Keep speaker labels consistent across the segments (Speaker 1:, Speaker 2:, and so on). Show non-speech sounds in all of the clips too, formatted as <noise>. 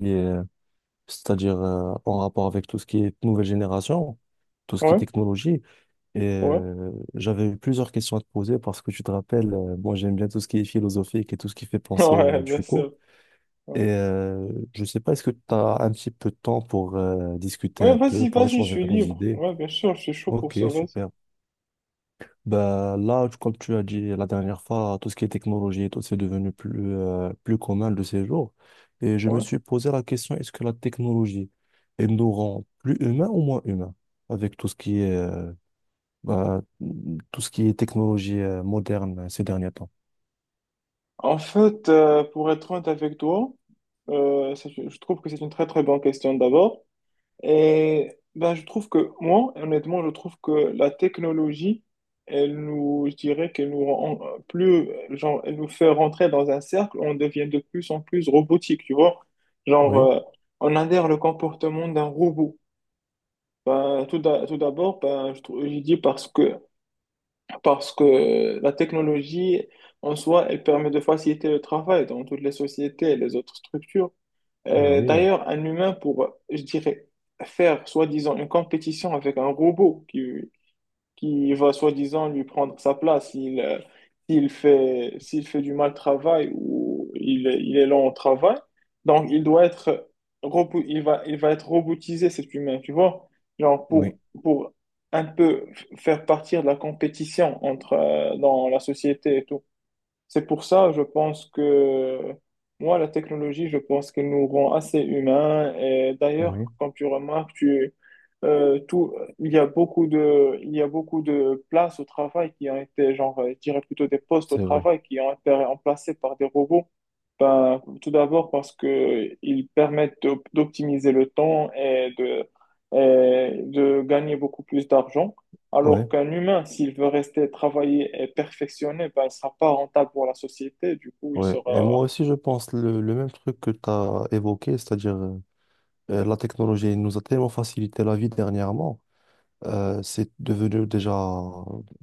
Speaker 1: Et, c'est-à-dire en rapport avec tout ce qui est nouvelle génération, tout ce qui est
Speaker 2: Ouais,
Speaker 1: technologie. Et
Speaker 2: ouais,
Speaker 1: j'avais eu plusieurs questions à te poser parce que tu te rappelles, moi j'aime bien tout ce qui est philosophique et tout ce qui fait
Speaker 2: <laughs>
Speaker 1: penser
Speaker 2: ouais, bien
Speaker 1: du coup.
Speaker 2: sûr. Ouais,
Speaker 1: Et je sais pas, est-ce que tu as un petit peu de temps pour discuter
Speaker 2: ouais,
Speaker 1: un peu,
Speaker 2: vas-y,
Speaker 1: pour
Speaker 2: vas-y, je
Speaker 1: échanger
Speaker 2: suis
Speaker 1: nos
Speaker 2: libre.
Speaker 1: idées?
Speaker 2: Ouais, bien sûr, je suis chaud pour
Speaker 1: Ok,
Speaker 2: ça, vas-y.
Speaker 1: super. Bah, là, comme tu as dit la dernière fois, tout ce qui est technologie et tout, c'est devenu plus, plus commun de ces jours. Et je me
Speaker 2: Ouais.
Speaker 1: suis posé la question, est-ce que la technologie, elle nous rend plus humains ou moins humains? Avec tout ce qui est, bah, tout ce qui est technologie, moderne ces derniers temps.
Speaker 2: En fait, pour être honnête avec toi, ça, je trouve que c'est une très très bonne question d'abord. Et ben, je trouve que moi, honnêtement, je trouve que la technologie, elle nous, je dirais qu'elle nous rend plus, genre, elle nous fait rentrer dans un cercle, on devient de plus en plus robotique, tu vois. Genre,
Speaker 1: Oui,
Speaker 2: euh, on adhère le comportement d'un robot. Ben, tout d'abord, ben, je dis parce que la technologie en soi, elle permet de faciliter le travail dans toutes les sociétés et les autres structures.
Speaker 1: bah oui,
Speaker 2: D'ailleurs, un humain pour, je dirais, faire soi-disant une compétition avec un robot qui va soi-disant lui prendre sa place. S'il fait du mal travail ou il est lent au travail, donc il doit être, il va être robotisé, cet humain, tu vois?
Speaker 1: oui,
Speaker 2: Pour un peu faire partir de la compétition entre, dans la société et tout. C'est pour ça, je pense que moi, la technologie, je pense qu'elle nous rend assez humains. Et d'ailleurs,
Speaker 1: oui,
Speaker 2: quand tu remarques, euh, tout, il y a beaucoup de places au travail qui ont été, genre, je dirais plutôt des postes au
Speaker 1: c'est vrai.
Speaker 2: travail qui ont été remplacés par des robots. Ben, tout d'abord parce que ils permettent d'optimiser le temps et de gagner beaucoup plus d'argent. Alors
Speaker 1: Oui,
Speaker 2: qu'un humain, s'il veut rester travailler et perfectionner, ben, il sera pas rentable pour la société. Du coup, il
Speaker 1: oui. Et moi
Speaker 2: sera,
Speaker 1: aussi, je pense le même truc que tu as évoqué, c'est-à-dire la technologie elle nous a tellement facilité la vie dernièrement. C'est devenu déjà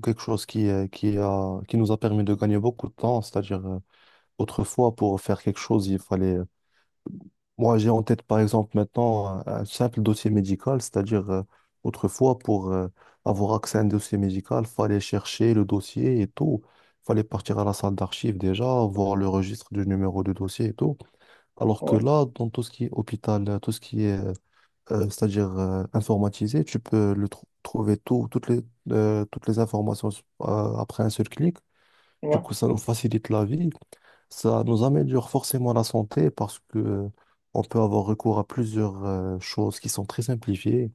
Speaker 1: quelque chose qui nous a permis de gagner beaucoup de temps. C'est-à-dire, autrefois, pour faire quelque chose, Moi, j'ai en tête, par exemple, maintenant, un simple dossier médical. C'est-à-dire, autrefois, pour avoir accès à un dossier médical, il fallait chercher le dossier et tout. Il fallait partir à la salle d'archives déjà, voir le registre du numéro de dossier et tout. Alors que
Speaker 2: ouais,
Speaker 1: là, dans tout ce qui est hôpital, tout ce qui est c'est-à-dire informatisé. Tu peux le trouver tout, toutes les informations après un seul clic. Du
Speaker 2: ouais,
Speaker 1: coup, ça nous facilite la vie. Ça nous améliore forcément la santé parce que on peut avoir recours à plusieurs choses qui sont très simplifiées.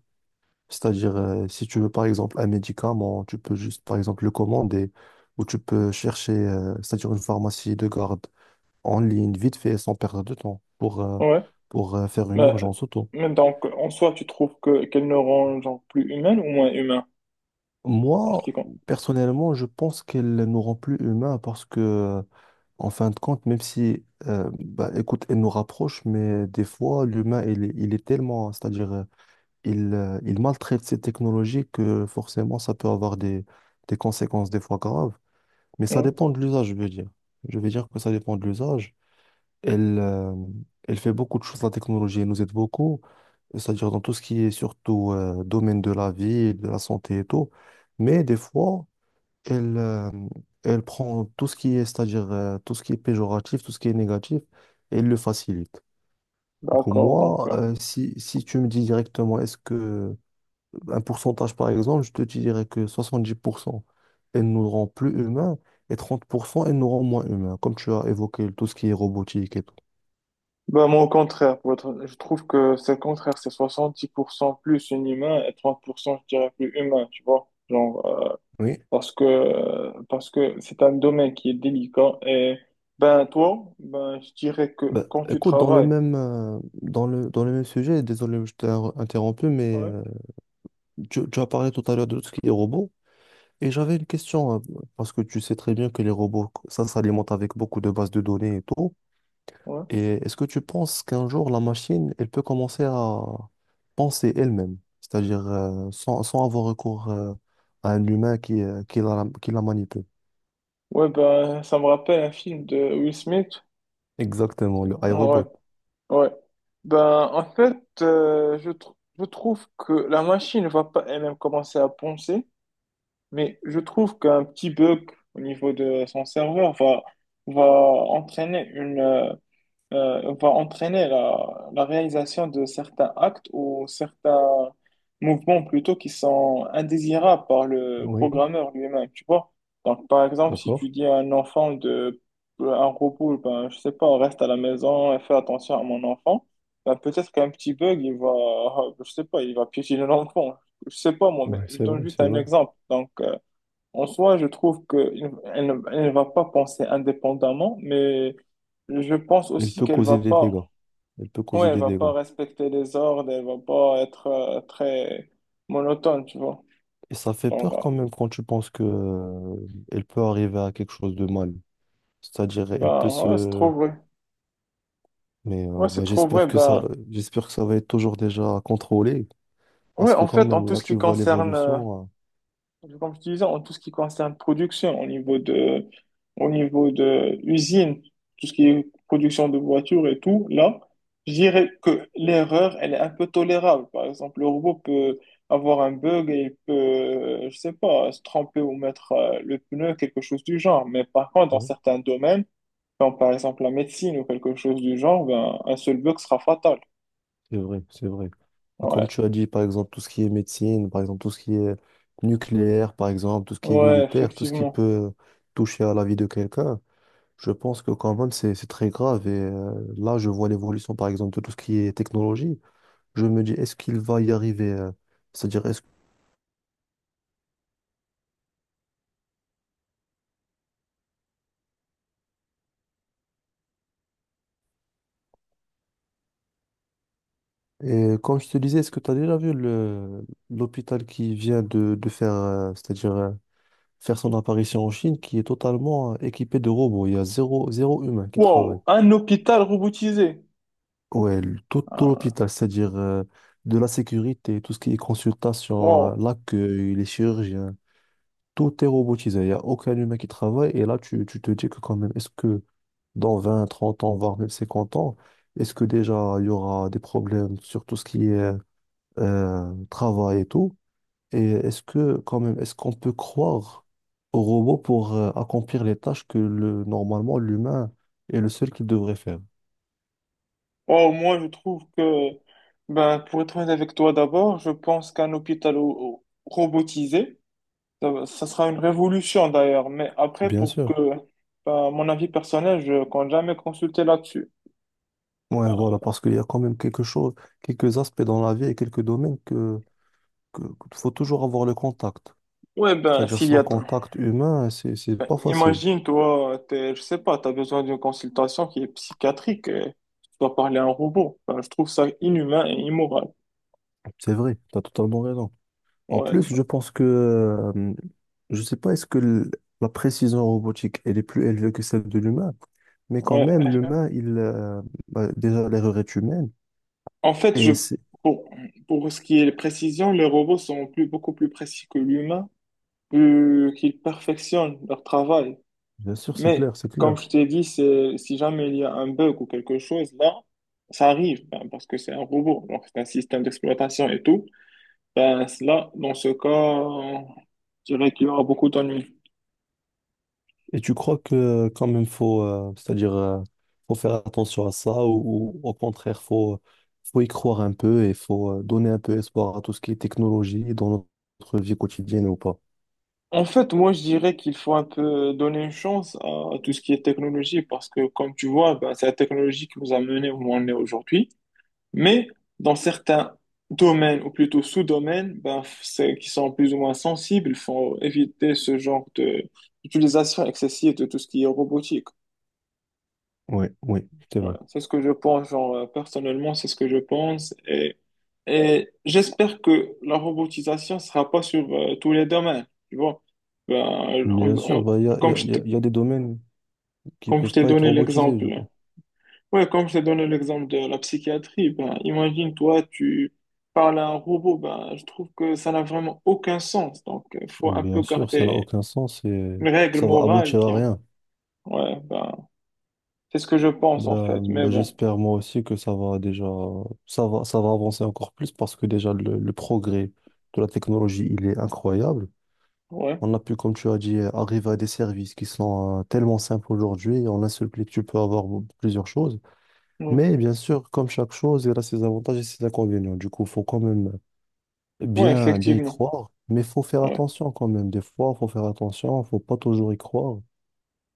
Speaker 1: C'est-à-dire, si tu veux par exemple un médicament, tu peux juste par exemple le commander ou tu peux chercher, c'est-à-dire une pharmacie de garde en ligne, vite fait, sans perdre de temps pour,
Speaker 2: ouais.
Speaker 1: faire une
Speaker 2: Mais,
Speaker 1: urgence auto.
Speaker 2: mais donc, en soi, tu trouves qu'elle ne rend genre, plus humaine ou moins humain?
Speaker 1: Moi,
Speaker 2: Article.
Speaker 1: personnellement, je pense qu'elle nous rend plus humains parce que, en fin de compte, même si, bah, écoute, elle nous rapproche, mais des fois, l'humain, il est tellement, c'est-à-dire, il maltraite ces technologies que forcément, ça peut avoir des conséquences des fois graves. Mais ça
Speaker 2: Ouais,
Speaker 1: dépend de l'usage, je veux dire. Je veux dire que ça dépend de l'usage. Elle, euh, elle fait beaucoup de choses, la technologie, elle nous aide beaucoup, c'est-à-dire dans tout ce qui est surtout, domaine de la vie, de la santé et tout. Mais des fois, elle, euh, elle prend tout ce qui est, c'est-à-dire tout ce qui est péjoratif, tout ce qui est négatif, et elle le facilite. Du coup,
Speaker 2: d'accord, donc.
Speaker 1: moi, si tu me dis directement, est-ce que un pourcentage par exemple, je te dirais que 70%, elle nous rend plus humains, et 30%, elle nous rend moins humains, comme tu as évoqué tout ce qui est robotique et tout.
Speaker 2: Bah, moi, au contraire, je trouve que c'est le contraire, c'est 70% plus un humain et 30%, je dirais, plus humain, tu vois.
Speaker 1: Oui.
Speaker 2: Parce que c'est un domaine qui est délicat et, ben, toi, ben, je dirais que
Speaker 1: Bah,
Speaker 2: quand tu
Speaker 1: écoute,
Speaker 2: travailles,
Speaker 1: dans le même sujet, désolé, je t'ai interrompu, mais
Speaker 2: ouais,
Speaker 1: tu as parlé tout à l'heure de tout ce qui est robot. Et j'avais une question, hein, parce que tu sais très bien que les robots, ça s'alimente avec beaucoup de bases de données et tout.
Speaker 2: ouais,
Speaker 1: Et est-ce que tu penses qu'un jour, la machine, elle peut commencer à penser elle-même, c'est-à-dire sans avoir recours à un humain qui la manipule?
Speaker 2: ouais, ben, ça me rappelle un film de Will Smith.
Speaker 1: Exactement, le
Speaker 2: Ah, ouais,
Speaker 1: iRobot.
Speaker 2: ouais. Ben, en fait, je trouve que la machine va pas elle-même commencer à penser. Mais je trouve qu'un petit bug au niveau de son serveur va entraîner va entraîner la réalisation de certains actes ou certains mouvements plutôt qui sont indésirables par le
Speaker 1: Oui,
Speaker 2: programmeur lui-même, tu vois. Donc, par exemple, si tu
Speaker 1: d'accord.
Speaker 2: dis à un enfant de, un robot, ben, je sais pas, reste à la maison et fais attention à mon enfant, ben, peut-être qu'un petit bug, je sais pas, il va piétiner l'enfant. Je sais pas, moi, mais
Speaker 1: Ouais,
Speaker 2: je
Speaker 1: c'est
Speaker 2: donne
Speaker 1: vrai,
Speaker 2: juste
Speaker 1: c'est
Speaker 2: un
Speaker 1: vrai.
Speaker 2: exemple. Donc, en soi, je trouve qu'elle ne elle ne va pas penser indépendamment, mais je pense
Speaker 1: Elle
Speaker 2: aussi
Speaker 1: peut
Speaker 2: qu'elle
Speaker 1: causer
Speaker 2: va
Speaker 1: des
Speaker 2: pas,
Speaker 1: dégâts. Elle peut
Speaker 2: ouais,
Speaker 1: causer
Speaker 2: elle
Speaker 1: des
Speaker 2: va pas
Speaker 1: dégâts.
Speaker 2: respecter les ordres, elle va pas être très monotone, tu vois.
Speaker 1: Et ça fait
Speaker 2: Genre,
Speaker 1: peur
Speaker 2: euh,
Speaker 1: quand même quand tu penses que, elle peut arriver à quelque chose de mal. C'est-à-dire,
Speaker 2: ben,
Speaker 1: elle peut
Speaker 2: ouais, c'est trop
Speaker 1: se...
Speaker 2: vrai.
Speaker 1: Mais
Speaker 2: Ouais, c'est trop vrai. Ben,
Speaker 1: j'espère que ça va être toujours déjà contrôlé,
Speaker 2: ouais,
Speaker 1: parce que
Speaker 2: en
Speaker 1: quand
Speaker 2: fait, en
Speaker 1: même,
Speaker 2: tout
Speaker 1: là,
Speaker 2: ce
Speaker 1: tu
Speaker 2: qui
Speaker 1: vois
Speaker 2: concerne
Speaker 1: l'évolution.
Speaker 2: comme je disais, en tout ce qui concerne production, au niveau de usine, tout ce qui est production de voitures et tout, là, je dirais que l'erreur, elle est un peu tolérable. Par exemple, le robot peut avoir un bug et il peut, je sais pas, se tromper ou mettre le pneu, quelque chose du genre. Mais par contre, dans
Speaker 1: Oui,
Speaker 2: certains domaines, comme par exemple la médecine ou quelque chose du genre, ben, un seul bug sera fatal.
Speaker 1: c'est vrai, c'est vrai. Et comme
Speaker 2: Ouais,
Speaker 1: tu as dit, par exemple, tout ce qui est médecine, par exemple, tout ce qui est nucléaire, par exemple, tout ce qui est
Speaker 2: ouais,
Speaker 1: militaire, tout ce qui
Speaker 2: effectivement.
Speaker 1: peut toucher à la vie de quelqu'un, je pense que quand même, c'est très grave. Et là, je vois l'évolution, par exemple, de tout ce qui est technologie. Je me dis, est-ce qu'il va y arriver? C'est-à-dire, et comme je te disais, est-ce que tu as déjà vu le l'hôpital qui vient de faire, c'est-à-dire faire son apparition en Chine, qui est totalement équipé de robots. Il y a zéro, zéro humain qui travaille.
Speaker 2: Wow, un hôpital robotisé.
Speaker 1: Ouais, tout
Speaker 2: Ah,
Speaker 1: l'hôpital, c'est-à-dire de la sécurité, tout ce qui est consultation,
Speaker 2: wow.
Speaker 1: l'accueil, les chirurgiens, tout est robotisé. Il n'y a aucun humain qui travaille. Et là, tu te dis que quand même, est-ce que dans 20, 30 ans, voire même 50 ans, est-ce que déjà il y aura des problèmes sur tout ce qui est travail et tout? Et est-ce que, quand même, est-ce qu'on peut croire au robot pour accomplir les tâches que le, normalement l'humain est le seul qui devrait faire?
Speaker 2: Oh, moi, je trouve que, ben, pour être honnête avec toi d'abord, je pense qu'un hôpital robotisé, ça sera une révolution d'ailleurs. Mais après,
Speaker 1: Bien sûr.
Speaker 2: ben, mon avis personnel, je compte jamais consulter là-dessus.
Speaker 1: Ouais,
Speaker 2: Ben,
Speaker 1: voilà, parce qu'il y a quand même quelque chose, quelques aspects dans la vie et quelques domaines que, qu'il faut toujours avoir le contact.
Speaker 2: ouais, ben,
Speaker 1: C'est-à-dire
Speaker 2: s'il y
Speaker 1: sans
Speaker 2: a, t-
Speaker 1: contact humain, c'est pas facile.
Speaker 2: imagine, toi, t'es, je sais pas, t'as besoin d'une consultation qui est psychiatrique et tu dois parler à un robot. Ben, je trouve ça inhumain et immoral.
Speaker 1: C'est vrai, tu as totalement raison. En
Speaker 2: Ouais,
Speaker 1: plus, je pense que, je sais pas, est-ce que la précision robotique, elle est plus élevée que celle de l'humain, mais quand même,
Speaker 2: ouais.
Speaker 1: l'humain, bah, déjà, l'erreur est humaine,
Speaker 2: En fait,
Speaker 1: et c'est,
Speaker 2: pour, pour ce qui est précision, les robots sont beaucoup plus précis que l'humain. Euh, qu'ils perfectionnent leur travail.
Speaker 1: bien sûr, c'est
Speaker 2: Mais
Speaker 1: clair, c'est
Speaker 2: comme
Speaker 1: clair.
Speaker 2: je t'ai dit, c'est, si jamais il y a un bug ou quelque chose, là, ça arrive ben, parce que c'est un robot, donc c'est un système d'exploitation et tout. Ben, là, dans ce cas, je dirais qu'il y aura beaucoup d'ennuis.
Speaker 1: Et tu crois que quand même, faut faire attention à ça, ou au contraire, faut y croire un peu, et faut donner un peu espoir à tout ce qui est technologie dans notre vie quotidienne ou pas?
Speaker 2: En fait, moi, je dirais qu'il faut un peu donner une chance à tout ce qui est technologie parce que, comme tu vois, ben, c'est la technologie qui nous a menés où on est aujourd'hui. Mais dans certains domaines, ou plutôt sous-domaines, ben, c'est qui sont plus ou moins sensibles, il faut éviter ce genre de d'utilisation excessive de tout ce qui est robotique.
Speaker 1: Oui, oui, c'est vrai.
Speaker 2: Voilà. C'est ce que je pense, genre, personnellement, c'est ce que je pense. Et j'espère que la robotisation ne sera pas sur tous les domaines. Tu vois, ben, on-
Speaker 1: Bien sûr,
Speaker 2: on-
Speaker 1: bah,
Speaker 2: comme je
Speaker 1: il y a-
Speaker 2: t'ai
Speaker 1: il y a des domaines qui
Speaker 2: comme je
Speaker 1: peuvent
Speaker 2: t'ai
Speaker 1: pas être
Speaker 2: donné
Speaker 1: robotisés,
Speaker 2: l'exemple.
Speaker 1: je pense.
Speaker 2: Ouais, comme je t'ai donné l'exemple de la psychiatrie, ben, imagine, toi, tu parles à un robot, ben, je trouve que ça n'a vraiment aucun sens. Donc, il faut un peu
Speaker 1: Bien sûr, ça n'a
Speaker 2: garder
Speaker 1: aucun sens et
Speaker 2: une règle
Speaker 1: ça va
Speaker 2: morale
Speaker 1: aboutir
Speaker 2: qui,
Speaker 1: à rien.
Speaker 2: ouais, ben, c'est ce que je pense, en
Speaker 1: Ben,
Speaker 2: fait. Mais bon,
Speaker 1: j'espère moi aussi que ça va avancer encore plus parce que déjà le progrès de la technologie, il est incroyable.
Speaker 2: ouais,
Speaker 1: On a pu, comme tu as dit, arriver à des services qui sont tellement simples aujourd'hui. En un seul clic, tu peux avoir plusieurs choses.
Speaker 2: ouais,
Speaker 1: Mais bien sûr, comme chaque chose, il a ses avantages et ses inconvénients. Du coup, il faut quand même
Speaker 2: ouais,
Speaker 1: bien, bien y
Speaker 2: effectivement.
Speaker 1: croire. Mais il faut faire
Speaker 2: Ouais,
Speaker 1: attention quand même. Des fois, il faut faire attention. Il ne faut pas toujours y croire. Il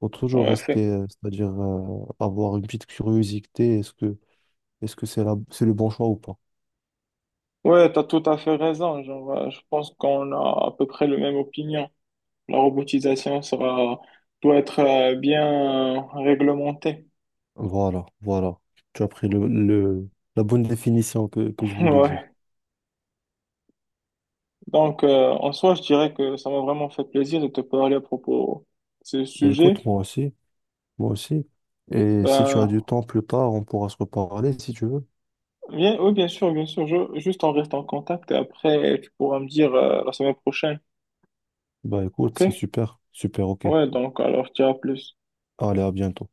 Speaker 1: faut toujours
Speaker 2: ouais, fait.
Speaker 1: rester, c'est-à-dire avoir une petite curiosité. Est-ce que c'est c'est le bon choix ou pas?
Speaker 2: Ouais, t'as tout à fait raison. Genre, je pense qu'on a à peu près la même opinion. La robotisation sera, doit être bien réglementée.
Speaker 1: Voilà, voilà. Tu as pris la bonne définition que je
Speaker 2: <laughs>
Speaker 1: voulais dire.
Speaker 2: Ouais. Donc, en soi, je dirais que ça m'a vraiment fait plaisir de te parler à propos de ce
Speaker 1: Ben, écoute,
Speaker 2: sujet.
Speaker 1: moi aussi. Moi aussi. Et si tu as
Speaker 2: Ben,
Speaker 1: du temps plus tard, on pourra se reparler si tu veux.
Speaker 2: bien, oui, bien sûr, bien sûr. Juste on reste en contact et après, tu pourras me dire la semaine prochaine.
Speaker 1: Bah écoute, c'est
Speaker 2: OK?
Speaker 1: super, super, ok.
Speaker 2: Ouais, donc, alors, je dirais à plus.
Speaker 1: Allez, à bientôt.